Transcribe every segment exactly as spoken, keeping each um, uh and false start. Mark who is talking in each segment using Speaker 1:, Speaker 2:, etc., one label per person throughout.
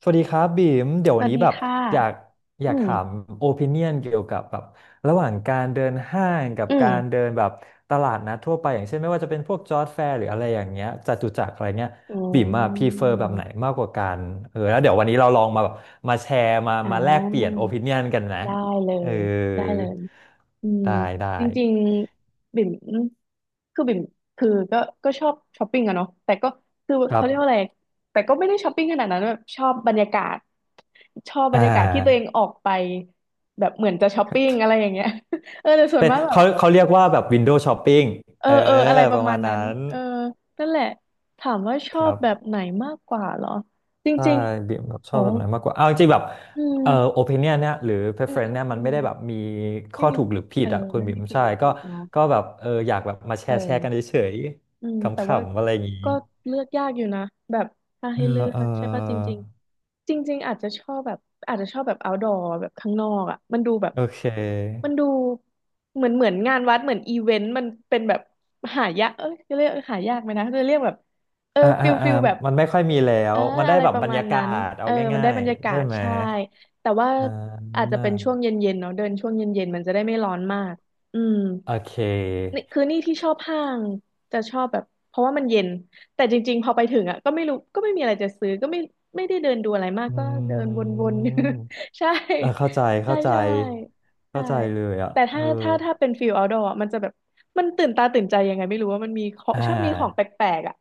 Speaker 1: สวัสดีครับบีมเดี๋ยว
Speaker 2: ส
Speaker 1: วัน
Speaker 2: วัส
Speaker 1: นี้
Speaker 2: ดี
Speaker 1: แบบ
Speaker 2: ค่ะ
Speaker 1: อยากอ
Speaker 2: อื
Speaker 1: ยาก
Speaker 2: ม
Speaker 1: ถามโอปิเนียนเกี่ยวกับแบบระหว่างการเดินห้างกับ
Speaker 2: อื
Speaker 1: การ
Speaker 2: ม
Speaker 1: เดินแบบตลาดนัดทั่วไปอย่างเช่นไม่ว่าจะเป็นพวกจอร์จแฟร์หรืออะไรอย่างเงี้ยจตุจักรอะไรเงี้ย
Speaker 2: อื
Speaker 1: บีมอะพรีเฟอร์แบบไหน
Speaker 2: ม
Speaker 1: มากกว่ากันเออแล้วเดี๋ยววันนี้เราลองมาแบบมาแชร์มา
Speaker 2: อ่
Speaker 1: มาแลกเปลี่ยน
Speaker 2: า
Speaker 1: โอปิเนียนกันนะ
Speaker 2: ได้เล
Speaker 1: เออ
Speaker 2: ย ได้เลยอืม
Speaker 1: ได้ได้
Speaker 2: จริงๆบิ่มคือบิ่มคือก็ก็ชอบช้อปปิ้งอะเนาะแต่ก็คือ
Speaker 1: ครั
Speaker 2: เขาเรียกว่าอะไร
Speaker 1: บ
Speaker 2: แต่ก็ไม่ได้ช้อปปิ้งขนาดนั้นแบบชอบบรรยากาศ ชอบบร
Speaker 1: อ่
Speaker 2: รยากาศที่ตัวเอง
Speaker 1: า
Speaker 2: ออกไป แบบเหมือนจะช้อปปิ้งอะไรอย่างเงี้ย เออแต่ส่วน
Speaker 1: เป็น
Speaker 2: มากแบบ
Speaker 1: เขาเขาเรียกว่าแบบวินโดว์ช้อปปิ้ง
Speaker 2: เออ
Speaker 1: เออ
Speaker 2: เอออะไรป
Speaker 1: ป
Speaker 2: ระ
Speaker 1: ระ
Speaker 2: มา
Speaker 1: มา
Speaker 2: ณ
Speaker 1: ณ
Speaker 2: นั้
Speaker 1: นั้
Speaker 2: น
Speaker 1: น
Speaker 2: เออนั่นแหละ ถามว่าช
Speaker 1: ค
Speaker 2: อบ
Speaker 1: รับ
Speaker 2: แบบไหนมากกว่าเหรอ จ
Speaker 1: ใช่
Speaker 2: ริง
Speaker 1: บิ่มแบบ
Speaker 2: ๆ
Speaker 1: ช
Speaker 2: โอ้
Speaker 1: อบแบบไหนมากกว่าเอาจริงๆแบบ
Speaker 2: อื
Speaker 1: เอ่อโอ
Speaker 2: ม
Speaker 1: ปิเนียเนี่ยหรือ
Speaker 2: อืม อื
Speaker 1: preference
Speaker 2: ม
Speaker 1: เนี่ย
Speaker 2: อื
Speaker 1: มันไม่
Speaker 2: ม
Speaker 1: ได้แบบมี
Speaker 2: ไม่
Speaker 1: ข้อ
Speaker 2: มี
Speaker 1: ถูกหรือผิ
Speaker 2: เอ
Speaker 1: ด
Speaker 2: อ
Speaker 1: อ่ะคุณ
Speaker 2: ไม่
Speaker 1: บิ่
Speaker 2: มี
Speaker 1: ม
Speaker 2: ผิด
Speaker 1: ใช่
Speaker 2: มีถู
Speaker 1: ก็
Speaker 2: กเนาะ
Speaker 1: ก็แบบเอออยากแบบมาแช
Speaker 2: เออ
Speaker 1: ร์แชร์กันเฉย
Speaker 2: อืม
Speaker 1: ๆข
Speaker 2: แต่ว่า
Speaker 1: ำๆอะไรอย่างนี้
Speaker 2: ก็เลือกยากอยู่นะแบบถ้า
Speaker 1: เอ
Speaker 2: ให้เลื
Speaker 1: อ
Speaker 2: อ
Speaker 1: เออ
Speaker 2: กใช่ป่ะจริงๆจริงๆอาจจะชอบแบบอาจจะชอบแบบ outdoor แบบข้างนอกอ่ะมันดูแบบ
Speaker 1: โอเค
Speaker 2: มันดูเหมือนเหมือนงานวัดเหมือนอีเวนต์มันเป็นแบบหายากเอ้ยจะเรียกหายากไหมนะจะเรียกแบบเออ
Speaker 1: อ่า
Speaker 2: ฟิ
Speaker 1: อ่า
Speaker 2: ล
Speaker 1: อ่า
Speaker 2: ฟิลแบบ
Speaker 1: มันไม่ค่อยมีแล้
Speaker 2: เอ
Speaker 1: ว
Speaker 2: อ
Speaker 1: มันได้
Speaker 2: อะไร
Speaker 1: แบ
Speaker 2: ป
Speaker 1: บ
Speaker 2: ระ
Speaker 1: บรร
Speaker 2: มาณ
Speaker 1: ยากา
Speaker 2: นั้น
Speaker 1: ศ
Speaker 2: เอ
Speaker 1: เอา
Speaker 2: อมัน
Speaker 1: ง่า
Speaker 2: ได้
Speaker 1: ย
Speaker 2: บรรยา
Speaker 1: ๆ
Speaker 2: กา
Speaker 1: ใช่
Speaker 2: ศ
Speaker 1: ไหม
Speaker 2: ใช่แต่ว่า
Speaker 1: อ่
Speaker 2: อาจจะ
Speaker 1: า
Speaker 2: เป็นช่วงเย็นๆเนาะเดินช่วงเย็นๆมันจะได้ไม่ร้อนมากอืม
Speaker 1: โอเค
Speaker 2: นี่คือนี่ที่ชอบห้างจะชอบแบบเพราะว่ามันเย็นแต่จริงๆพอไปถึงอ่ะก็ไม่รู้ก็ไม่มีอะไรจะซื้อก็ไม่ไม่ได้เดินดูอะไรมาก
Speaker 1: อื
Speaker 2: ก็เดินวนๆ อยู่
Speaker 1: ม
Speaker 2: ใช่
Speaker 1: เออเข้าใจ
Speaker 2: ใช่
Speaker 1: เข้าใจ
Speaker 2: ใช่ใช่
Speaker 1: เข้าใจเลยอ่ะ
Speaker 2: แต่
Speaker 1: เอ
Speaker 2: ถ้า
Speaker 1: อ
Speaker 2: ถ้าถ้าเป็นฟิล์อาท์ดอร์มันจะแบบมันตื่นตาตื่นใจยังไงไม่รู้ว่ามันมีของ
Speaker 1: อ่
Speaker 2: ชอบมีของแป
Speaker 1: า
Speaker 2: ลกๆอ่ะ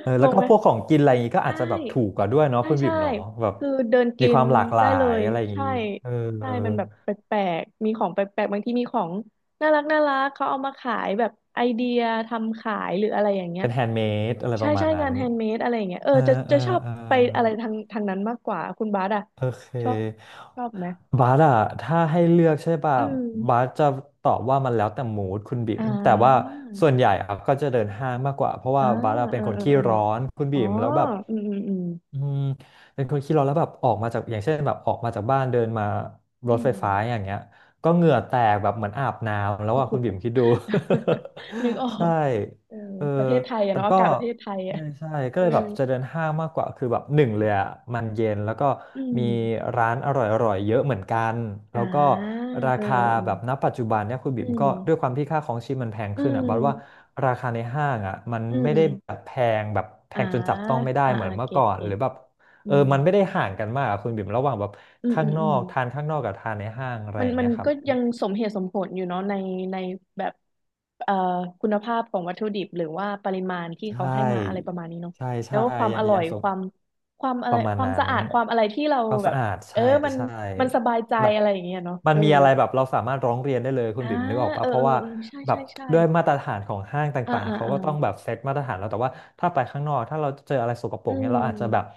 Speaker 1: เออ
Speaker 2: ง
Speaker 1: แล้ว
Speaker 2: ง
Speaker 1: ก็
Speaker 2: ไหม
Speaker 1: พวกของกินอะไรอย่างงี้ก็อา
Speaker 2: ใช่
Speaker 1: จจะแบบถูกกว่าด้วยเนาะ
Speaker 2: ใช่
Speaker 1: คุณบิ๋
Speaker 2: ใช่
Speaker 1: มเนาะแบบ
Speaker 2: คือเดิน
Speaker 1: มี
Speaker 2: กิ
Speaker 1: ค
Speaker 2: น
Speaker 1: วามหลากหลา
Speaker 2: ได้เล
Speaker 1: ย
Speaker 2: ย
Speaker 1: อะไรอย่าง
Speaker 2: ใช่
Speaker 1: งี้เออ
Speaker 2: ใช่
Speaker 1: เออ
Speaker 2: มันแบบแปลกๆมีของแปลกๆบางทีมีของน่ารักน่ารักเขาเอามาขายแบบไอเดียทำขายหรืออะไรอย่างเงี้ย
Speaker 1: เป็นแฮนด์เมดอะไรป
Speaker 2: ใช่
Speaker 1: ระมา
Speaker 2: ใช่
Speaker 1: ณนั้
Speaker 2: งา
Speaker 1: น
Speaker 2: นแฮนด์เมดอะไรอย่างเงี้ยเออ
Speaker 1: เออ
Speaker 2: จะ
Speaker 1: เอ
Speaker 2: จะ
Speaker 1: อ
Speaker 2: ชอบ
Speaker 1: เอ
Speaker 2: ไปอะไร
Speaker 1: อ
Speaker 2: ทางทางนั้นมากกว่าคุณบาสอะ
Speaker 1: โอเค
Speaker 2: ชอบชอบไหม
Speaker 1: บาร์อะถ้าให้เลือกใช่ป่ะ
Speaker 2: อื
Speaker 1: บา
Speaker 2: ม
Speaker 1: ร์จะตอบว่ามันแล้วแต่มูดคุณบิ๋ม
Speaker 2: อ่า
Speaker 1: แต่ว่าส่วนใหญ่ครับก็จะเดินห้างมากกว่าเพราะ
Speaker 2: อ่า
Speaker 1: ว่าบาร์เป็
Speaker 2: เอ
Speaker 1: น
Speaker 2: อ
Speaker 1: คน
Speaker 2: เออ
Speaker 1: ขี้
Speaker 2: เออ
Speaker 1: ร้อนคุณ
Speaker 2: อ๋อ
Speaker 1: บิ๋มแล้วแบบ
Speaker 2: อืมอืมอืม
Speaker 1: อืมเป็นคนขี้ร้อนแล้วแบบออกมาจากอย่างเช่นแบบออกมาจากบ้านเดินมา ร
Speaker 2: อื
Speaker 1: ถไฟ
Speaker 2: ม
Speaker 1: ฟ้าอย่างเงี้ยก็เหงื่อแตกแบบเหมือนอาบน้ำแล้วอ่ะคุณบิ่มคิดดู
Speaker 2: นึกออ
Speaker 1: ใช่
Speaker 2: ก เออ
Speaker 1: เออ
Speaker 2: ประเทศไทยอะ
Speaker 1: แต่
Speaker 2: เนาะอา
Speaker 1: ก็
Speaker 2: กาศประเทศไทยอะ
Speaker 1: ใช่ใช่ก็
Speaker 2: เอ
Speaker 1: เล
Speaker 2: อ
Speaker 1: ยแบบจะเดินห้างมากกว่าคือแบบหนึ่งเลยอ่ะมันเย็นแล้วก็
Speaker 2: อื
Speaker 1: มี
Speaker 2: ม
Speaker 1: ร้านอร่อยๆเยอะเหมือนกันแล้
Speaker 2: อ่า
Speaker 1: วก็รา
Speaker 2: เออ
Speaker 1: คา
Speaker 2: เอ
Speaker 1: แบบณ
Speaker 2: อ
Speaker 1: ปัจจุบันเนี่ยคุณ
Speaker 2: อื
Speaker 1: บิ่มก็ด้วยค
Speaker 2: ม
Speaker 1: วามที่ค่าของชีพมันแพง
Speaker 2: อื
Speaker 1: ขึ้นอ่ะบัดว่า
Speaker 2: ม
Speaker 1: ราคาในห้างอ่ะมัน
Speaker 2: อื
Speaker 1: ไม่ได้แบ
Speaker 2: ม
Speaker 1: บแพงแบบแพ
Speaker 2: อ่า
Speaker 1: งจนจับต้องไม่ได้
Speaker 2: อ่า
Speaker 1: เหมือ
Speaker 2: อ่า
Speaker 1: นเมื่อ
Speaker 2: เก็
Speaker 1: ก่
Speaker 2: ต
Speaker 1: อน
Speaker 2: เก็
Speaker 1: หรื
Speaker 2: ต
Speaker 1: อแบบ
Speaker 2: อื
Speaker 1: เออ
Speaker 2: ม
Speaker 1: มันไม่ได้ห่างกันมากอะคุณบิ่มระหว่างแบบ
Speaker 2: อืม
Speaker 1: ข้า
Speaker 2: อื
Speaker 1: ง
Speaker 2: ม
Speaker 1: น
Speaker 2: อื
Speaker 1: อ
Speaker 2: ม
Speaker 1: กทานข้างนอกกับทานในห้างอะไร
Speaker 2: มั
Speaker 1: อ
Speaker 2: น
Speaker 1: ย่าง
Speaker 2: มั
Speaker 1: เงี้
Speaker 2: น
Speaker 1: ยครับ
Speaker 2: ก็ยังสมเหตุสมผลอยู่เนาะในในแบบเอ่อคุณภาพของวัตถุดิบหรือว่าปริมาณที่เขา
Speaker 1: ใช่
Speaker 2: ให้มาอะไรประมาณนี้เนาะ
Speaker 1: ใช่
Speaker 2: แล้ว
Speaker 1: ใช่
Speaker 2: ก็ความ
Speaker 1: ยั
Speaker 2: อ
Speaker 1: ง
Speaker 2: ร่อ
Speaker 1: ยั
Speaker 2: ย
Speaker 1: งส
Speaker 2: ค
Speaker 1: ม
Speaker 2: วามความอะ
Speaker 1: ป
Speaker 2: ไร
Speaker 1: ระมาณ
Speaker 2: ความ
Speaker 1: นั้น
Speaker 2: สะอาด ความอะไรที่เรา
Speaker 1: ความ
Speaker 2: แบ
Speaker 1: สะ
Speaker 2: บ
Speaker 1: อาด
Speaker 2: เออ
Speaker 1: ใช่
Speaker 2: มัน
Speaker 1: ใช่
Speaker 2: มันสบายใจ
Speaker 1: แบบ
Speaker 2: อะไรอย่างเงี้ยเนาะ
Speaker 1: มั
Speaker 2: เอ
Speaker 1: น
Speaker 2: อ
Speaker 1: มีอะไรแบบเราสามารถร้องเรียนได้เลยคุณ
Speaker 2: อ่า
Speaker 1: บิ่มนึกออก
Speaker 2: เอ
Speaker 1: ปะ
Speaker 2: อ
Speaker 1: เพ
Speaker 2: เอ
Speaker 1: ราะ
Speaker 2: อ
Speaker 1: ว่า
Speaker 2: เออใช่
Speaker 1: แบ
Speaker 2: ใช่
Speaker 1: บ
Speaker 2: ใช่
Speaker 1: ด้วยมาตรฐานของห้าง
Speaker 2: อ่า
Speaker 1: ต่าง
Speaker 2: อ่า
Speaker 1: ๆเขา
Speaker 2: อ่า
Speaker 1: ก็ต้องแบบเซตมาตรฐานแล้วแต่ว่าถ้าไปข้างนอกถ้าเราเจออะไรสกปร
Speaker 2: อื
Speaker 1: กเนี่ยเราอาจจะแบบ
Speaker 2: ม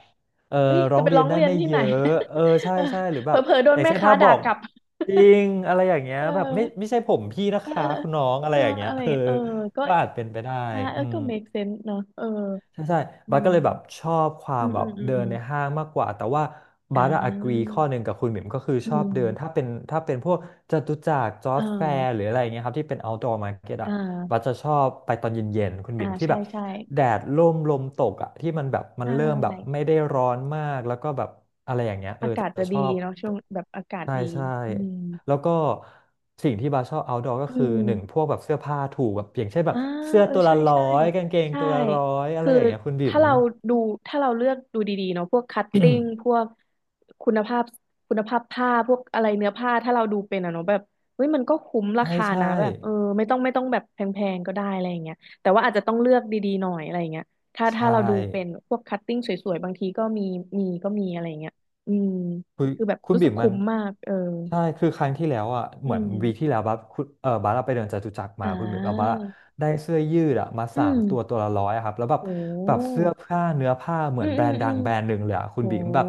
Speaker 1: เออ
Speaker 2: เอ้ย
Speaker 1: ร้
Speaker 2: จะ
Speaker 1: อง
Speaker 2: ไป
Speaker 1: เรี
Speaker 2: ร้
Speaker 1: ย
Speaker 2: อ
Speaker 1: น
Speaker 2: ง
Speaker 1: ได้
Speaker 2: เรียน
Speaker 1: ไม่
Speaker 2: ที่
Speaker 1: เย
Speaker 2: ไหน
Speaker 1: อะเออใช่
Speaker 2: เอ
Speaker 1: ใช่หรือแบ
Speaker 2: อ
Speaker 1: บ
Speaker 2: เผลอๆโด
Speaker 1: อ
Speaker 2: น
Speaker 1: ย่าง
Speaker 2: แม่
Speaker 1: เช่น
Speaker 2: ค้า
Speaker 1: ถ้าบ
Speaker 2: ด่า
Speaker 1: อก
Speaker 2: กลับ
Speaker 1: จริงอะไรอย่างเงี้ ย
Speaker 2: เออ
Speaker 1: แบบไม่ไม่ใช่ผมพี่นะ
Speaker 2: เออเอ
Speaker 1: คะ
Speaker 2: อ
Speaker 1: คุณน้องอะ
Speaker 2: เอ
Speaker 1: ไร
Speaker 2: อ
Speaker 1: อย่างเงี้ย
Speaker 2: อะไรอย่า
Speaker 1: เอ
Speaker 2: ง
Speaker 1: อ
Speaker 2: เงี้ยเออก็
Speaker 1: ก็อาจเป็นไปได้
Speaker 2: อ่าเอ
Speaker 1: อื
Speaker 2: อ
Speaker 1: ม
Speaker 2: ก็ make sense เนอะเออ
Speaker 1: ใช่ใช่บัส
Speaker 2: อื
Speaker 1: ก็เลยแบบ
Speaker 2: ม
Speaker 1: ชอบควา
Speaker 2: อื
Speaker 1: ม
Speaker 2: ม
Speaker 1: แบ
Speaker 2: อื
Speaker 1: บ
Speaker 2: มอื
Speaker 1: เดิ
Speaker 2: ม
Speaker 1: นในห้างมากกว่า แต่ว่า
Speaker 2: อ่
Speaker 1: บัสอะ agree
Speaker 2: า
Speaker 1: ข้อหนึ่งกับคุณหมิมก็คือ
Speaker 2: อื
Speaker 1: ชอบเดิน ถ้า
Speaker 2: ม
Speaker 1: เป็นถ้าเป็นพวกจตุจักรจอ
Speaker 2: เอ
Speaker 1: ร์จแฟร์
Speaker 2: อ
Speaker 1: หรืออะไรอย่างเงี้ยครับที่เป็น outdoor market
Speaker 2: อ่
Speaker 1: อะบัส
Speaker 2: า
Speaker 1: จะชอบไปตอนเย็นๆคุณห
Speaker 2: อ่า
Speaker 1: มิมที่
Speaker 2: ใช่
Speaker 1: แบบ
Speaker 2: ใช่
Speaker 1: แดดร่มลมตกอะที่มันแบบ
Speaker 2: ใช
Speaker 1: มันเริ่มแบบ
Speaker 2: ่
Speaker 1: ไม่ได้ร้อนมากแล้วก็แบบ
Speaker 2: อากาศจะดีเนาะช่วงแบบอากาศ
Speaker 1: ใช่
Speaker 2: ดี
Speaker 1: ใช่
Speaker 2: อืม
Speaker 1: แล้วก็สิ่งที่บาชอบ outdoor ก็
Speaker 2: อื
Speaker 1: คือหนึ่งพ
Speaker 2: ม
Speaker 1: วกแบบเสื้อผ้าถูกแบบอย่างเช่นแบ
Speaker 2: อ่า
Speaker 1: บเสื้อ
Speaker 2: เออ
Speaker 1: ตัวละ
Speaker 2: ใช่
Speaker 1: ร้อ
Speaker 2: ใช่
Speaker 1: ยกางเกง
Speaker 2: ใช่
Speaker 1: ตัวละร้อยอะไร
Speaker 2: คือ
Speaker 1: อย่างเงี้ยคุณบิ่
Speaker 2: ถ้า
Speaker 1: ม
Speaker 2: เราดูถ้าเราเลือกดูดีๆเนาะพวกคัตติ้งพ วกคุณภาพคุณภาพผ้าพวกอะไรเนื้อผ้าถ้าเราดูเป็นอะเนาะแบบเฮ้ยมันก็คุ้มรา
Speaker 1: ใช่
Speaker 2: คา
Speaker 1: ใช่
Speaker 2: นะแบบเออไม่ต้องไม่ต้องแบบแพงๆก็ได้อะไรอย่างเงี้ยแต่ว่าอาจจะต้องเลือกดีๆหน่อยอะไรอย่างเงี้ยถ้า
Speaker 1: ใช่
Speaker 2: ถ้าเราดูเป็นพวกคัตติ้งสวยๆบางทีก็มีมีก็มีอะไรอย่างเงี้ยอืม
Speaker 1: คุณ
Speaker 2: คือแบบ
Speaker 1: คุณ
Speaker 2: รู้สึ
Speaker 1: บิ่
Speaker 2: ก
Speaker 1: มมั
Speaker 2: คุ้
Speaker 1: น
Speaker 2: มมากเออ
Speaker 1: ใช่คือครั้งที่แล้วอ่ะ
Speaker 2: อื
Speaker 1: เหมือน
Speaker 2: ม
Speaker 1: วีคที่แล้วบัสคุณเออบัสเราไปเดินจตุจักร
Speaker 2: อ่
Speaker 1: มาคุณบิ่มเราบัส
Speaker 2: า
Speaker 1: อะได้เสื้อยืดอ่ะมา
Speaker 2: อื
Speaker 1: สาม
Speaker 2: ม
Speaker 1: ตัวตัวละร้อยอะครับแล้วแบบ
Speaker 2: โ
Speaker 1: แบบ
Speaker 2: ห
Speaker 1: เสื้อผ้าเนื้อผ้าเห
Speaker 2: อื
Speaker 1: มือน
Speaker 2: ม
Speaker 1: แบร
Speaker 2: อืม
Speaker 1: นด์
Speaker 2: อื
Speaker 1: ดัง
Speaker 2: ม
Speaker 1: แบรนด์หนึ่งเลยอะคุณ
Speaker 2: โอ้
Speaker 1: บิ่มแบบ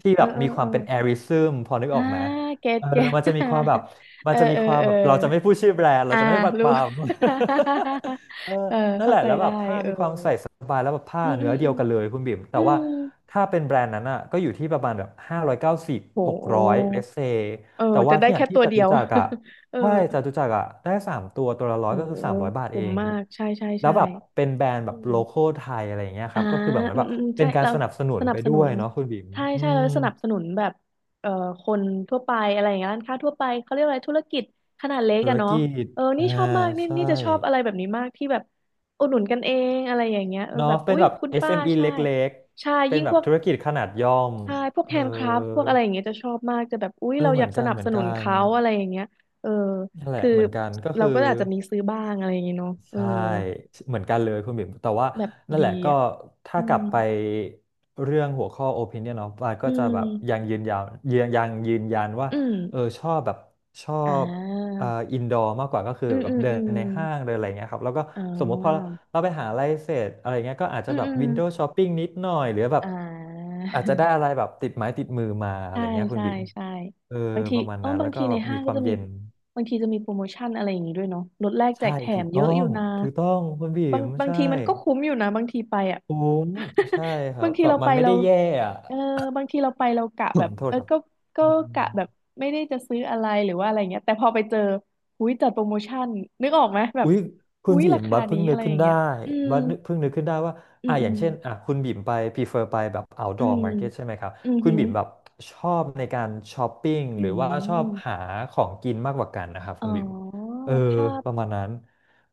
Speaker 1: ที่
Speaker 2: เอ
Speaker 1: แบ
Speaker 2: อ
Speaker 1: บ
Speaker 2: เออ
Speaker 1: มีค
Speaker 2: เอ
Speaker 1: วา
Speaker 2: อ
Speaker 1: มเป็นแอริซึมพอนึก
Speaker 2: อ่า
Speaker 1: ออกไหม
Speaker 2: เก็ต
Speaker 1: เออ
Speaker 2: เก็ต
Speaker 1: มันจะมีความแบบ มั
Speaker 2: เอ
Speaker 1: น
Speaker 2: อ
Speaker 1: จะมี
Speaker 2: เออ
Speaker 1: ความ
Speaker 2: เออ
Speaker 1: แบบเราจะไม่พูดชื่อแบรนด์เรา
Speaker 2: อ่า
Speaker 1: จะไม่บัดป
Speaker 2: รู้
Speaker 1: ราม เออ
Speaker 2: เออ เข้าใจได้เออ
Speaker 1: สบายแล้วแบบผ้า
Speaker 2: อืมอื
Speaker 1: เนื้อ
Speaker 2: ม
Speaker 1: เดี
Speaker 2: อื
Speaker 1: ยว
Speaker 2: ม
Speaker 1: กันเลยคุณบิ่ม
Speaker 2: อื
Speaker 1: แต่ว่า
Speaker 2: ม
Speaker 1: ถ้าเป็นแบรนด์นั้นอ่ะก็อยู่ที่ประมาณแบบห้าร้อยเก้าสิบ
Speaker 2: โห
Speaker 1: หกร้อยเลสเซ
Speaker 2: เออ
Speaker 1: แต่
Speaker 2: จะ
Speaker 1: ว่า
Speaker 2: ได้
Speaker 1: เนี่ย
Speaker 2: แค่
Speaker 1: ที่
Speaker 2: ตัว
Speaker 1: จ
Speaker 2: เดี
Speaker 1: ตุ
Speaker 2: ยว
Speaker 1: จักรอ่ะ
Speaker 2: เออ
Speaker 1: ใช่จตุจักรอ่ะได้สามตัวตัวละร้อ
Speaker 2: โห
Speaker 1: ยก็คือสามร้อยบาทเอ
Speaker 2: คุ้ม
Speaker 1: ง
Speaker 2: มาก ใช่ใช่
Speaker 1: แล้ว
Speaker 2: ใช่
Speaker 1: แบบเป็นแบรนด์แบ
Speaker 2: อื
Speaker 1: บ
Speaker 2: ม
Speaker 1: โลคอลไทยอะไรอย่างเงี้ยค
Speaker 2: อ่า
Speaker 1: รับก็คือแบบเหมือ
Speaker 2: อื
Speaker 1: น
Speaker 2: ม
Speaker 1: แบบ
Speaker 2: อืมอืม
Speaker 1: เป็
Speaker 2: ใช่
Speaker 1: นการ
Speaker 2: เรา
Speaker 1: สนับสนุ
Speaker 2: ส
Speaker 1: น
Speaker 2: นับ
Speaker 1: ไป
Speaker 2: ส
Speaker 1: ด้
Speaker 2: นุ
Speaker 1: ว
Speaker 2: น
Speaker 1: ยเนาะคุณบิ่ม
Speaker 2: ใช่
Speaker 1: อื
Speaker 2: ใช่เรา
Speaker 1: ม
Speaker 2: สนับสนุนแบบเอ่อคนทั่วไปอะไรอย่างเงี้ยร้านค้าทั่วไปเขาเรียกอะไรธุรกิจขนาดเล็ก
Speaker 1: ธุร
Speaker 2: อะเนาะ
Speaker 1: กิจ
Speaker 2: เออนี่
Speaker 1: อ่า
Speaker 2: ชอบมากนี่
Speaker 1: ใช่
Speaker 2: นี่จะชอบอะไรแบบนี้มากที่แบบอุดหนุนกันเองอะไรอย่างเงี้ยเออ
Speaker 1: เนาะ
Speaker 2: แบบ
Speaker 1: เป็
Speaker 2: อุ้
Speaker 1: น
Speaker 2: ย
Speaker 1: แบบ
Speaker 2: คุณป้า
Speaker 1: เอส เอ็ม อี เอ็มอี
Speaker 2: ใช่
Speaker 1: เล็ก
Speaker 2: ใช่
Speaker 1: ๆเป็น
Speaker 2: ยิ่ง
Speaker 1: แบ
Speaker 2: พ
Speaker 1: บ
Speaker 2: วก
Speaker 1: ธุรกิจขนาดย่อม
Speaker 2: ใช่พวก
Speaker 1: เอ
Speaker 2: แฮ
Speaker 1: อ
Speaker 2: นด์คราฟพวกอะไรอย่างเงี้ยจะชอบมากจะแบบอุ๊ย
Speaker 1: เอ
Speaker 2: เรา
Speaker 1: อเห
Speaker 2: อ
Speaker 1: มื
Speaker 2: ยา
Speaker 1: อ
Speaker 2: ก
Speaker 1: น
Speaker 2: ส
Speaker 1: กัน
Speaker 2: นับ
Speaker 1: เหมื
Speaker 2: ส
Speaker 1: อน
Speaker 2: นุ
Speaker 1: กั
Speaker 2: น
Speaker 1: น
Speaker 2: เขาอะไรอย่างเงี้ยเออ
Speaker 1: นั่นแหละ
Speaker 2: คือ
Speaker 1: เหมือนกันก็
Speaker 2: เรา
Speaker 1: คือ
Speaker 2: ก็อาจจะมีซื้อบ้างอะไรอย่างเงี้ยเนาะเออ
Speaker 1: ใช่เหมือนกันเลยคุณบิ่มแต่ว่า
Speaker 2: แบบ
Speaker 1: นั่น
Speaker 2: ดี
Speaker 1: แหละก็
Speaker 2: อ่ะ
Speaker 1: ถ้า
Speaker 2: อื
Speaker 1: กลับ
Speaker 2: ม
Speaker 1: ไปเรื่องหัวข้อ opinion เนาะบาส
Speaker 2: อื
Speaker 1: ก็จะแบ
Speaker 2: ม
Speaker 1: บยังยืนยันยังยังยืนยันว่า
Speaker 2: อืม
Speaker 1: เออชอบแบบชอ
Speaker 2: อ่
Speaker 1: บ
Speaker 2: า
Speaker 1: เอ่ออินดอร์มากกว่าก็คือ
Speaker 2: อืม
Speaker 1: แบ
Speaker 2: อื
Speaker 1: บ
Speaker 2: ม
Speaker 1: เดิ
Speaker 2: อื
Speaker 1: น
Speaker 2: ม
Speaker 1: ในห้างเดินอะไรเงี้ยครับแล้วก็
Speaker 2: อ๋อ
Speaker 1: สมมติพอเราไปหาอะไรเสร็จอะไรเงี้ยก็อาจ
Speaker 2: อื
Speaker 1: จะ
Speaker 2: ม
Speaker 1: แบ
Speaker 2: อื
Speaker 1: บ
Speaker 2: ม
Speaker 1: วินโดว์ช้อปปิ้งนิดหน่อยหรือแบบ
Speaker 2: อ่า
Speaker 1: อาจจะได้อะไรแบบติดไม้ติดมือมา อะไร
Speaker 2: ใช่
Speaker 1: เงี้ยคุณ
Speaker 2: ใช่
Speaker 1: บิ่ม
Speaker 2: ใช่
Speaker 1: เออ
Speaker 2: บางที
Speaker 1: ประมาณ
Speaker 2: เออ
Speaker 1: นั้น
Speaker 2: บา
Speaker 1: แล้
Speaker 2: ง
Speaker 1: วก็
Speaker 2: ทีใน
Speaker 1: แบบ
Speaker 2: ห้า
Speaker 1: มี
Speaker 2: ง
Speaker 1: ค
Speaker 2: ก็
Speaker 1: วาม
Speaker 2: จะมี
Speaker 1: เย็น
Speaker 2: บางทีจะมีโปรโมชั่นอะไรอย่างงี้ด้วยเนาะลดแลกแจ
Speaker 1: ใช่
Speaker 2: กแถ
Speaker 1: ถู
Speaker 2: ม
Speaker 1: ก
Speaker 2: เย
Speaker 1: ต้อ
Speaker 2: อะอยู่
Speaker 1: ง
Speaker 2: นะ
Speaker 1: ถูกต้องคุณบี
Speaker 2: บาง
Speaker 1: ม
Speaker 2: บาง
Speaker 1: ใช่
Speaker 2: ทีมันก็คุ้มอยู่นะบางทีไปอ่ะ
Speaker 1: คุ้มใช่ค รั
Speaker 2: บา
Speaker 1: บ
Speaker 2: งที
Speaker 1: แบบ
Speaker 2: เรา
Speaker 1: มั
Speaker 2: ไป
Speaker 1: นไม่
Speaker 2: เรา
Speaker 1: ได้แย่อะ
Speaker 2: เออบางทีเราไปเรากะแบบ
Speaker 1: โท
Speaker 2: เอ
Speaker 1: ษ
Speaker 2: อ
Speaker 1: ครับ
Speaker 2: ก็ก็
Speaker 1: อื
Speaker 2: กะ
Speaker 1: ม
Speaker 2: แบบไม่ได้จะซื้ออะไรหรือว่าอะไรเงี้ยแต่พอไปเจอหุ้ยจัดโปรโมชั่นนึกออกไหมแบบ
Speaker 1: อุ๊ยคุ
Speaker 2: หุ้
Speaker 1: ณ
Speaker 2: ย
Speaker 1: บ่
Speaker 2: รา
Speaker 1: ม
Speaker 2: คา
Speaker 1: บัดเพิ่
Speaker 2: นี้
Speaker 1: งนึ
Speaker 2: อะ
Speaker 1: ก
Speaker 2: ไรอ
Speaker 1: ขึ้น
Speaker 2: ย่าง
Speaker 1: ได้
Speaker 2: เงี้ยอืม
Speaker 1: บัดนึกเพิ่งนึกขึ้นได้ว่า
Speaker 2: อื
Speaker 1: อ่ะ
Speaker 2: ม
Speaker 1: อ
Speaker 2: อื
Speaker 1: ย่าง
Speaker 2: ม
Speaker 1: เช่นอ่ะคุณบ่มไป prefer ไปแบบ
Speaker 2: อื
Speaker 1: outdoor
Speaker 2: ม
Speaker 1: market ใช่ไหมครับ
Speaker 2: อืม
Speaker 1: คุณ
Speaker 2: หืม
Speaker 1: บ่มแบบชอบในการช้อปปิ้ง
Speaker 2: อื
Speaker 1: หรือว่าชอบหา
Speaker 2: ม
Speaker 1: ของกินมากกว่ากันนะครับ
Speaker 2: อ๋
Speaker 1: คุ
Speaker 2: อ
Speaker 1: ณบ่มเออ
Speaker 2: ถ้า
Speaker 1: ประมาณนั้น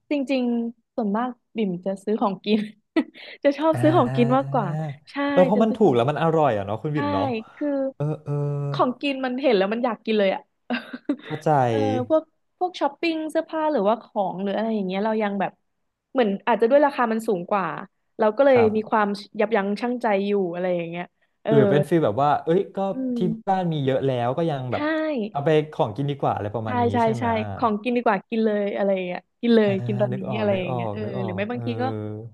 Speaker 2: จริงๆส่วนมากบิ่มจะซื้อของกิน จะชอบ
Speaker 1: อ่า
Speaker 2: ซื้อของกินมากกว่าใช่
Speaker 1: เออเพ
Speaker 2: จะ
Speaker 1: ราะมัน
Speaker 2: ซื้อ
Speaker 1: ถู
Speaker 2: ขอ
Speaker 1: ก
Speaker 2: ง
Speaker 1: แล้วมันอร่อยอ่ะเนาะคุณ
Speaker 2: ใช่
Speaker 1: บ่มเนาะ
Speaker 2: คือ
Speaker 1: เออเออ
Speaker 2: ของกินมันเห็นแล้วมันอยากกินเลยอ่ะ
Speaker 1: เข้าใจ
Speaker 2: เออพวกพวกช้อปปิ้งเสื้อผ้าหรือว่าของหรืออะไรอย่างเงี้ยเรายังแบบเหมือนอาจจะด้วยราคามันสูงกว่าเราก็เล
Speaker 1: ค
Speaker 2: ย
Speaker 1: รั
Speaker 2: มีค
Speaker 1: บ
Speaker 2: วามยับยั้งชั่งใจอยู่อะไรอย่างเงี้ยเออ
Speaker 1: หรือเป็นฟีลแบบว่าเอ้ยก็
Speaker 2: อืม
Speaker 1: ที่บ้านมีเยอะแล้วก็ยังแบ
Speaker 2: ใช่
Speaker 1: บเอาไปของกินดีกว่าอะไรประมา
Speaker 2: ใช่
Speaker 1: ณนี้
Speaker 2: ใช่
Speaker 1: ใช่ไหม
Speaker 2: ใช่ของกินดีกว่ากินเลยอะไรอย่างเงี้ยกินเลย
Speaker 1: อ่า
Speaker 2: กินตอน
Speaker 1: นึก
Speaker 2: นี้
Speaker 1: ออก
Speaker 2: อะไร
Speaker 1: นึก
Speaker 2: อย่าง
Speaker 1: ออ
Speaker 2: เงี้ย
Speaker 1: ก
Speaker 2: เออ
Speaker 1: นึกอ
Speaker 2: ห
Speaker 1: อ
Speaker 2: รือ
Speaker 1: ก
Speaker 2: ไม่บา
Speaker 1: เอ
Speaker 2: ง
Speaker 1: อ
Speaker 2: ทีก็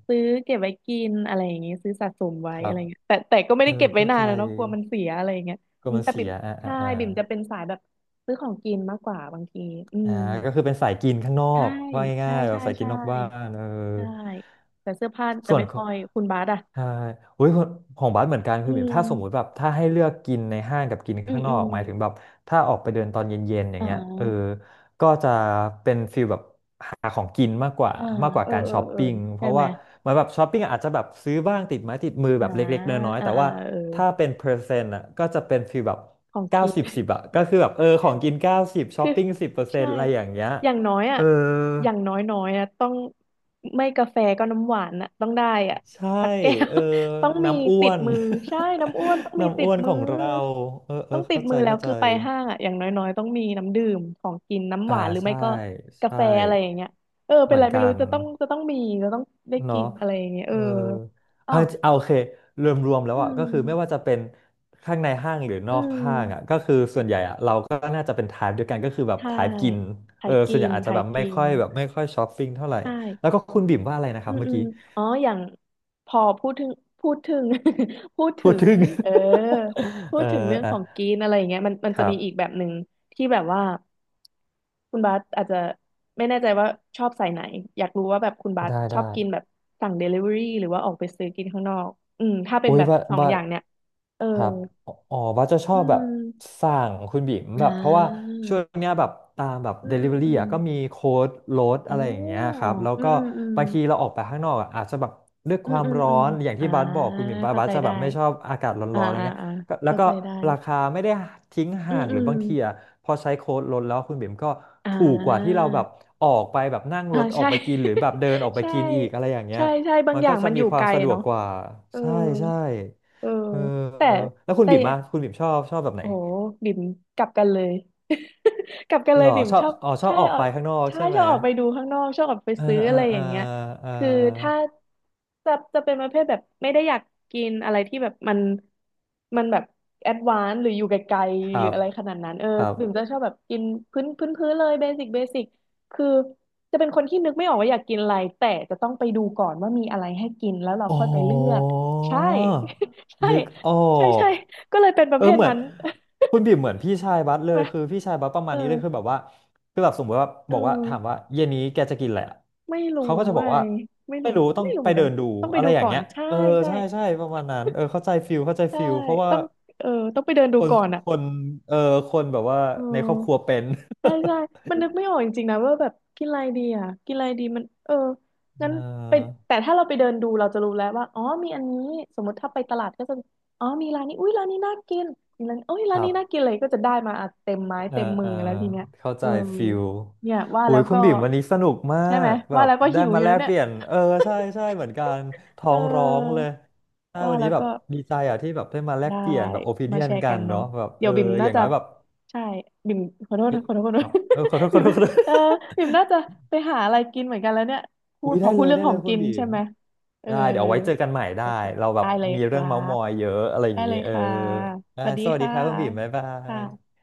Speaker 2: ซื้อเก็บไว้กินอะไรอย่างเงี้ยซื้อสะสมไว้
Speaker 1: ครั
Speaker 2: อะไร
Speaker 1: บ
Speaker 2: เงี้ยแต่แต่ก็ไม่
Speaker 1: เออ
Speaker 2: ได้เก็บไว้
Speaker 1: เข้า
Speaker 2: นา
Speaker 1: ใจ
Speaker 2: นนะเนาะกลัวมันเสียอะไรอย่างเงี้ย
Speaker 1: ก็
Speaker 2: อืม
Speaker 1: มัน
Speaker 2: แต่
Speaker 1: เสี
Speaker 2: บิ่ม
Speaker 1: ยอ่าอ่า
Speaker 2: ใช่
Speaker 1: อ่า
Speaker 2: บิ่มจะเป็นสายแบบซื้อของกินมากกว่าบางทีอื
Speaker 1: อ่า
Speaker 2: ม
Speaker 1: ก็คือเป็นสายกินข้างนอ
Speaker 2: ใช่
Speaker 1: กว่า
Speaker 2: ใช่
Speaker 1: ง่ายๆแบ
Speaker 2: ใช่
Speaker 1: บสายกิน
Speaker 2: ใช่
Speaker 1: นอกบ้านเออ
Speaker 2: ใช่แต่เสื้อผ้าจะ
Speaker 1: ส่วน
Speaker 2: ไม่
Speaker 1: ขอ
Speaker 2: ค่
Speaker 1: ง
Speaker 2: อยคุณบาสอ่ะ
Speaker 1: ใช่อุ้ยของของบัสเหมือนกัน
Speaker 2: อื
Speaker 1: คือแบบ
Speaker 2: ม
Speaker 1: ถ้าสมมุติแบบถ้าให้เลือกกินในห้างกับกิน
Speaker 2: อื
Speaker 1: ข้า
Speaker 2: ม
Speaker 1: งน
Speaker 2: อื
Speaker 1: อก
Speaker 2: ม
Speaker 1: หมายถึงแบบถ้าออกไปเดินตอนเย็นๆอย่า
Speaker 2: อ่
Speaker 1: งเงี้ยเออ
Speaker 2: า
Speaker 1: ก็จะเป็นฟีลแบบ หาของกินมากกว่า
Speaker 2: อ่า
Speaker 1: มากกว่า
Speaker 2: เออ
Speaker 1: การ
Speaker 2: เออ
Speaker 1: ช้อป
Speaker 2: เออ
Speaker 1: ปิ้งเพ
Speaker 2: ใช่
Speaker 1: ราะ
Speaker 2: ไหม
Speaker 1: ว่าเหมือนแบบช้อปปิ้งอาจจะแบบซื้อบ้างติดไม้ติดมือ
Speaker 2: อ่า
Speaker 1: แบบเล็กๆน้อยๆ
Speaker 2: อ่า
Speaker 1: แต่
Speaker 2: อ่า
Speaker 1: ว่า
Speaker 2: เออ
Speaker 1: ถ้าเป็นเปอร์เซ็นต์อ่ะก็จะเป็นฟีลแบบ
Speaker 2: ของ
Speaker 1: เก้า
Speaker 2: กิน
Speaker 1: สิบสิบอ่ะก็คือแบบเออของกินเก้าสิบช้อ
Speaker 2: คือ
Speaker 1: ปปิ้งสิบเปอร์เซ็น
Speaker 2: ใช่
Speaker 1: ต์อะไรอย่างเงี้ย
Speaker 2: อย่างน้อยอ่ะ
Speaker 1: เออ
Speaker 2: อย่างน้อยน้อยอ่ะต้องไม่กาแฟก็น้ำหวานอ่ะต้องได้อ่ะ
Speaker 1: ใช่
Speaker 2: สักแก้ว
Speaker 1: เออ
Speaker 2: ต้องมี
Speaker 1: น้ำอ้
Speaker 2: ติ
Speaker 1: ว
Speaker 2: ด
Speaker 1: น
Speaker 2: มือใช่น้ำอ้วนต้อง มี
Speaker 1: น้ำ
Speaker 2: ติ
Speaker 1: อ้
Speaker 2: ด
Speaker 1: วน
Speaker 2: มื
Speaker 1: ข
Speaker 2: อ
Speaker 1: องเราเออเออ
Speaker 2: ต้องติด
Speaker 1: เข้าใจ
Speaker 2: มือแล้ว
Speaker 1: เข้าใจ
Speaker 2: คือไปห้างอ่ะอย่างน้อยน้อยต้องมีน้ำดื่มของกินน้ำห
Speaker 1: อ่า
Speaker 2: วานหรือไม่
Speaker 1: ใช่
Speaker 2: ก็กา
Speaker 1: ใช่
Speaker 2: แฟอะไรอย่างเงี้ยเออเป็
Speaker 1: เห
Speaker 2: น
Speaker 1: มือ
Speaker 2: ไร
Speaker 1: น
Speaker 2: ไม่
Speaker 1: กั
Speaker 2: รู้
Speaker 1: น
Speaker 2: จะต้องจะต้องมีจะต้องได้กิ
Speaker 1: เนาะ
Speaker 2: นอะไรอย่างเงี้ยเอ
Speaker 1: เอ
Speaker 2: อ
Speaker 1: อ
Speaker 2: อ๋อ
Speaker 1: เอาจริเอาโอเครวมรวมแล้ว
Speaker 2: อื
Speaker 1: อ่ะก็คือไม่ว่า
Speaker 2: ม
Speaker 1: จะเป็นข้างในห้างหรือน
Speaker 2: อื
Speaker 1: อกห้างอ่ะ
Speaker 2: ม
Speaker 1: ก็คือส่วนใหญ่อ่ะเราก็น่าจะเป็นทายเดียวกันก็คือแบบ
Speaker 2: ใช่
Speaker 1: ทายกิน
Speaker 2: ไท
Speaker 1: เอ
Speaker 2: ย
Speaker 1: อส่
Speaker 2: กิ
Speaker 1: วนใหญ่
Speaker 2: น
Speaker 1: อาจ
Speaker 2: ไท
Speaker 1: จะแบ
Speaker 2: ย
Speaker 1: บไม่
Speaker 2: กิ
Speaker 1: ค่
Speaker 2: น
Speaker 1: อยแบบไม่ค่อยช้อปปิ้งเท่าไหร่
Speaker 2: ใ
Speaker 1: แล้ว
Speaker 2: ช่
Speaker 1: ก็คุณบิ่มว่าอะไรนะค
Speaker 2: อื
Speaker 1: รับ
Speaker 2: ม
Speaker 1: เมื่อ
Speaker 2: อืม
Speaker 1: กี้
Speaker 2: อ๋ออย่างพอพูดถึงพูดถึง พูด
Speaker 1: พู
Speaker 2: ถึ
Speaker 1: ด
Speaker 2: ง
Speaker 1: ถึง
Speaker 2: เออพู
Speaker 1: เอ
Speaker 2: ด
Speaker 1: อ
Speaker 2: ถึงเรื่อง
Speaker 1: อ่ะ
Speaker 2: ของกินอะไรอย่างเงี้ยมันมัน
Speaker 1: ค
Speaker 2: จะ
Speaker 1: รั
Speaker 2: มีอีกแบ
Speaker 1: บ
Speaker 2: บหนึ่งที่แบบว่าคุณบาสอาจจะไม่แน่ใจว่าชอบสายไหนอยากรู้ว่าแบบคุณบาส
Speaker 1: ได้
Speaker 2: ชอบ
Speaker 1: ได้
Speaker 2: กินแบบสั่งเดลิเวอรี่หรือว่าออกไปซื้อกินข้างนอกอืมถ้าเป็น
Speaker 1: โอ้ย
Speaker 2: แบบ
Speaker 1: ว่า
Speaker 2: สอง
Speaker 1: ว่า
Speaker 2: อย่างเนี่ยเออ
Speaker 1: ครับอ๋ออ๋อว่าจะช
Speaker 2: อื
Speaker 1: อบแบบ
Speaker 2: ม
Speaker 1: สั่งคุณบิ๋มแบ
Speaker 2: อ่
Speaker 1: บเพราะว่า
Speaker 2: า
Speaker 1: ช่วงเนี้ยแบบตามแบบ
Speaker 2: อืมอืม
Speaker 1: Delivery
Speaker 2: อืม
Speaker 1: อ่ะก็มีโค้ดลดอะไร
Speaker 2: โอ้
Speaker 1: อย่างเงี้ยครับแล้ว
Speaker 2: อืม
Speaker 1: ก็
Speaker 2: อืมอืม
Speaker 1: บางทีเราออกไปข้างนอกอะอาจจะแบบด้วย
Speaker 2: อื
Speaker 1: ค
Speaker 2: ม
Speaker 1: วาม
Speaker 2: อืม
Speaker 1: ร้อ
Speaker 2: อืม
Speaker 1: นอย่าง
Speaker 2: อ่า
Speaker 1: ที่บาสบอกคุณบิ๋มบาส
Speaker 2: เข้า
Speaker 1: บาส
Speaker 2: ใจ
Speaker 1: จะแบ
Speaker 2: ได้
Speaker 1: บไม่ชอบอากาศร้อ
Speaker 2: อ่า
Speaker 1: นๆอะไร
Speaker 2: อ่า
Speaker 1: เงี้ย
Speaker 2: อ่า
Speaker 1: ก็แล้ว
Speaker 2: เข้า
Speaker 1: ก็
Speaker 2: ใจได้
Speaker 1: ราคาไม่ได้ทิ้ง
Speaker 2: อื
Speaker 1: ห่า
Speaker 2: ม
Speaker 1: งห
Speaker 2: อื
Speaker 1: รือ
Speaker 2: ม
Speaker 1: บางทีอ่ะพอใช้โค้ดลดแล้วคุณบิ๋มก็
Speaker 2: อ่
Speaker 1: ถูกกว่าที่
Speaker 2: า
Speaker 1: เราแบบออกไปแบบนั่ง
Speaker 2: อ่า
Speaker 1: รถออก
Speaker 2: ใช่
Speaker 1: ไปกินหรือแบบ เดินออกไป
Speaker 2: ใช่
Speaker 1: กินอีกอะไรอย่างเงี้ย
Speaker 2: ใช่ใช่บาง
Speaker 1: มัน
Speaker 2: อย่า
Speaker 1: ก็
Speaker 2: ง
Speaker 1: จะ
Speaker 2: มันอ
Speaker 1: มี
Speaker 2: ยู่
Speaker 1: ควา
Speaker 2: ไก
Speaker 1: ม
Speaker 2: ล
Speaker 1: สะดวก
Speaker 2: เนาะ
Speaker 1: กว่า
Speaker 2: เออ
Speaker 1: ใช่ใช่
Speaker 2: เออ
Speaker 1: เออ
Speaker 2: แต่
Speaker 1: แล้วคุณ
Speaker 2: แต่
Speaker 1: บิ่มอะคุณบิ่มชอบชอบแบบไหน
Speaker 2: โอ้โหบิ่มกลับกันเลย กลับกันเล
Speaker 1: หร
Speaker 2: ย
Speaker 1: อ
Speaker 2: บิ่ม
Speaker 1: ชอ
Speaker 2: ช
Speaker 1: บ
Speaker 2: อบ
Speaker 1: อ๋อชอ
Speaker 2: ใช่
Speaker 1: บออก
Speaker 2: ออ
Speaker 1: ไป
Speaker 2: ก
Speaker 1: ข้างนอก
Speaker 2: ใช่
Speaker 1: ใช่ไห
Speaker 2: ช
Speaker 1: ม
Speaker 2: อบออกไปดูข้างนอกชอบออกไป
Speaker 1: เออ
Speaker 2: ซื้อ
Speaker 1: เอ
Speaker 2: อะ
Speaker 1: อ
Speaker 2: ไร
Speaker 1: เอ
Speaker 2: อ
Speaker 1: อ
Speaker 2: ย่างเงี้ย
Speaker 1: เอ
Speaker 2: คือถ้า
Speaker 1: อ
Speaker 2: จะจะเป็นประเภทแบบไม่ได้อยากกินอะไรที่แบบมันมันแบบแอดวานซ์หรืออยู่ไกล
Speaker 1: ค
Speaker 2: ๆ
Speaker 1: รั
Speaker 2: หรือ
Speaker 1: บ
Speaker 2: อะไรขนาดนั้นเออ
Speaker 1: ครับ
Speaker 2: บิ่มจะชอบแบบกินพื้นพื้นพื้นเลยเบสิกเบสิกคือจะเป็นคนที่นึกไม่ออกว่าอยากกินอะไรแต่จะต้องไปดูก่อนว่ามีอะไรให้กินแล้วเรา
Speaker 1: อ๋
Speaker 2: ค่อยไปเลือก
Speaker 1: อ
Speaker 2: ใช่ ใช่
Speaker 1: นึกออ
Speaker 2: ใช่ใช่
Speaker 1: ก
Speaker 2: ก็เลยเป็นประ
Speaker 1: เอ
Speaker 2: เภ
Speaker 1: อ
Speaker 2: ท
Speaker 1: เหมือ
Speaker 2: นั้
Speaker 1: น
Speaker 2: น
Speaker 1: คุณบิ่มเหมือนพี่ชายบัส เล
Speaker 2: ใช่ไห
Speaker 1: ย
Speaker 2: ม
Speaker 1: คือพี่ชายบัสประมา
Speaker 2: เอ
Speaker 1: ณ
Speaker 2: อ
Speaker 1: นี้เลยคือแบบว่าคือแบบสมมติว่า
Speaker 2: เอ
Speaker 1: บอกว่าถาม
Speaker 2: อ
Speaker 1: ว่าเย็นนี้แกจะกินอะไรอะ
Speaker 2: ไม่รู้
Speaker 1: เขาก็จะ
Speaker 2: ไง
Speaker 1: บอกว่า
Speaker 2: ไม่
Speaker 1: ไม่
Speaker 2: รู้
Speaker 1: รู้ต้อง
Speaker 2: ไม่รู้เห
Speaker 1: ไป
Speaker 2: มือนกั
Speaker 1: เดิ
Speaker 2: น
Speaker 1: นดู
Speaker 2: ต้องไป
Speaker 1: อะไร
Speaker 2: ดู
Speaker 1: อย่าง
Speaker 2: ก่อน
Speaker 1: เงี้ย
Speaker 2: ใช่
Speaker 1: เออ
Speaker 2: ใช่
Speaker 1: ใช่ใช่ประมาณนั้นเออเข้าใจฟิลเข้าใจ
Speaker 2: ใช่
Speaker 1: ฟิลเพราะว่า
Speaker 2: ต้องเออต้องไปเดินดู
Speaker 1: คน
Speaker 2: ก่อนอ่ะ
Speaker 1: คนเออคนแบบว่า
Speaker 2: เออ
Speaker 1: ในครอบครัวเป็น
Speaker 2: ใช่ใช่มันนึกไม่ออกจริงๆนะว่าแบบกินอะไรดีอ่ะกินอะไรดีมันเออ
Speaker 1: เ
Speaker 2: งั้นไป
Speaker 1: ออ
Speaker 2: แต่ถ้าเราไปเดินดูเราจะรู้แล้วว่าอ๋อมีอันนี้สมมติถ้าไปตลาดก็จะอ๋อมีร้านนี้อุ้ยร้านนี้น่ากินมีร้านอุ้ย
Speaker 1: ค
Speaker 2: ร้าน
Speaker 1: รั
Speaker 2: นี้
Speaker 1: บ
Speaker 2: น่ากินเลยก็จะได้มาอ่ะเต็มไม้
Speaker 1: เออ
Speaker 2: เต็มมื
Speaker 1: เอ
Speaker 2: อ
Speaker 1: อ
Speaker 2: แล้วทีเนี้ย
Speaker 1: เข้า
Speaker 2: เอ
Speaker 1: ใจ
Speaker 2: อ
Speaker 1: ฟิล
Speaker 2: เนี่ยว่า
Speaker 1: โอ้
Speaker 2: แล้
Speaker 1: ย
Speaker 2: ว
Speaker 1: คุณ
Speaker 2: ก็
Speaker 1: บิ่มวันนี้สนุกมา
Speaker 2: ใช่ไหม
Speaker 1: กแบ
Speaker 2: ว่า
Speaker 1: บ
Speaker 2: แล้วก็
Speaker 1: ได้
Speaker 2: หิวอ
Speaker 1: มา
Speaker 2: ยู่
Speaker 1: แล
Speaker 2: แล้ว
Speaker 1: ก
Speaker 2: เนี่
Speaker 1: เป
Speaker 2: ย
Speaker 1: ลี่ยนเออใช่ใช่ เหมือนกันท้
Speaker 2: เ
Speaker 1: องร้องเล
Speaker 2: ออ
Speaker 1: ยใช่
Speaker 2: ว่า
Speaker 1: วัน
Speaker 2: แล้
Speaker 1: นี้
Speaker 2: ว
Speaker 1: แบบ
Speaker 2: ก็
Speaker 1: ดีใจอ่ะที่แบบได้มาแลก
Speaker 2: ได้
Speaker 1: เปลี่ยนแบบโอ i ิ
Speaker 2: มา
Speaker 1: เนีย
Speaker 2: แช
Speaker 1: น
Speaker 2: ร์
Speaker 1: กั
Speaker 2: กัน
Speaker 1: น
Speaker 2: เนาะ
Speaker 1: เนาะแบบเอ
Speaker 2: เดี๋ย
Speaker 1: อ
Speaker 2: วบิม
Speaker 1: อ
Speaker 2: น่า
Speaker 1: ย่าง
Speaker 2: จะ
Speaker 1: น้อยแบบ
Speaker 2: ใช่บิมขอโทษ
Speaker 1: เย
Speaker 2: ขอโทษขอ
Speaker 1: ค
Speaker 2: โทษ
Speaker 1: รับเออขอโท ษข
Speaker 2: บิ
Speaker 1: อ
Speaker 2: ม
Speaker 1: โทษขอโทษ
Speaker 2: เออบิมน่าจะไปหาอะไรกินเหมือนกันแล้วเนี่ย พู
Speaker 1: อุ้
Speaker 2: ด
Speaker 1: ย
Speaker 2: พ
Speaker 1: ได้
Speaker 2: อพู
Speaker 1: เล
Speaker 2: ด
Speaker 1: ย
Speaker 2: เรื่อง
Speaker 1: ได้
Speaker 2: ข
Speaker 1: เล
Speaker 2: อง
Speaker 1: ยคุ
Speaker 2: กิ
Speaker 1: ณ
Speaker 2: น
Speaker 1: บิ่
Speaker 2: ใช่
Speaker 1: ม
Speaker 2: ไหมเออ
Speaker 1: ได้เดี๋ยวเอาไว้เจอกันใหม่ได้
Speaker 2: โอเค
Speaker 1: เราแบบ
Speaker 2: ได้เลย
Speaker 1: มี
Speaker 2: ค
Speaker 1: เรื่อ
Speaker 2: รั
Speaker 1: งเม้าท์ม
Speaker 2: บ
Speaker 1: อยเยอะอะไรอย่า
Speaker 2: ได้
Speaker 1: งนี้
Speaker 2: เลย
Speaker 1: เออ
Speaker 2: ค่ะส
Speaker 1: อ่ะ
Speaker 2: วัสดี
Speaker 1: สวัสดี
Speaker 2: ค่ะ
Speaker 1: ครับคุณบีมบ๊ายบาย
Speaker 2: ค่ะ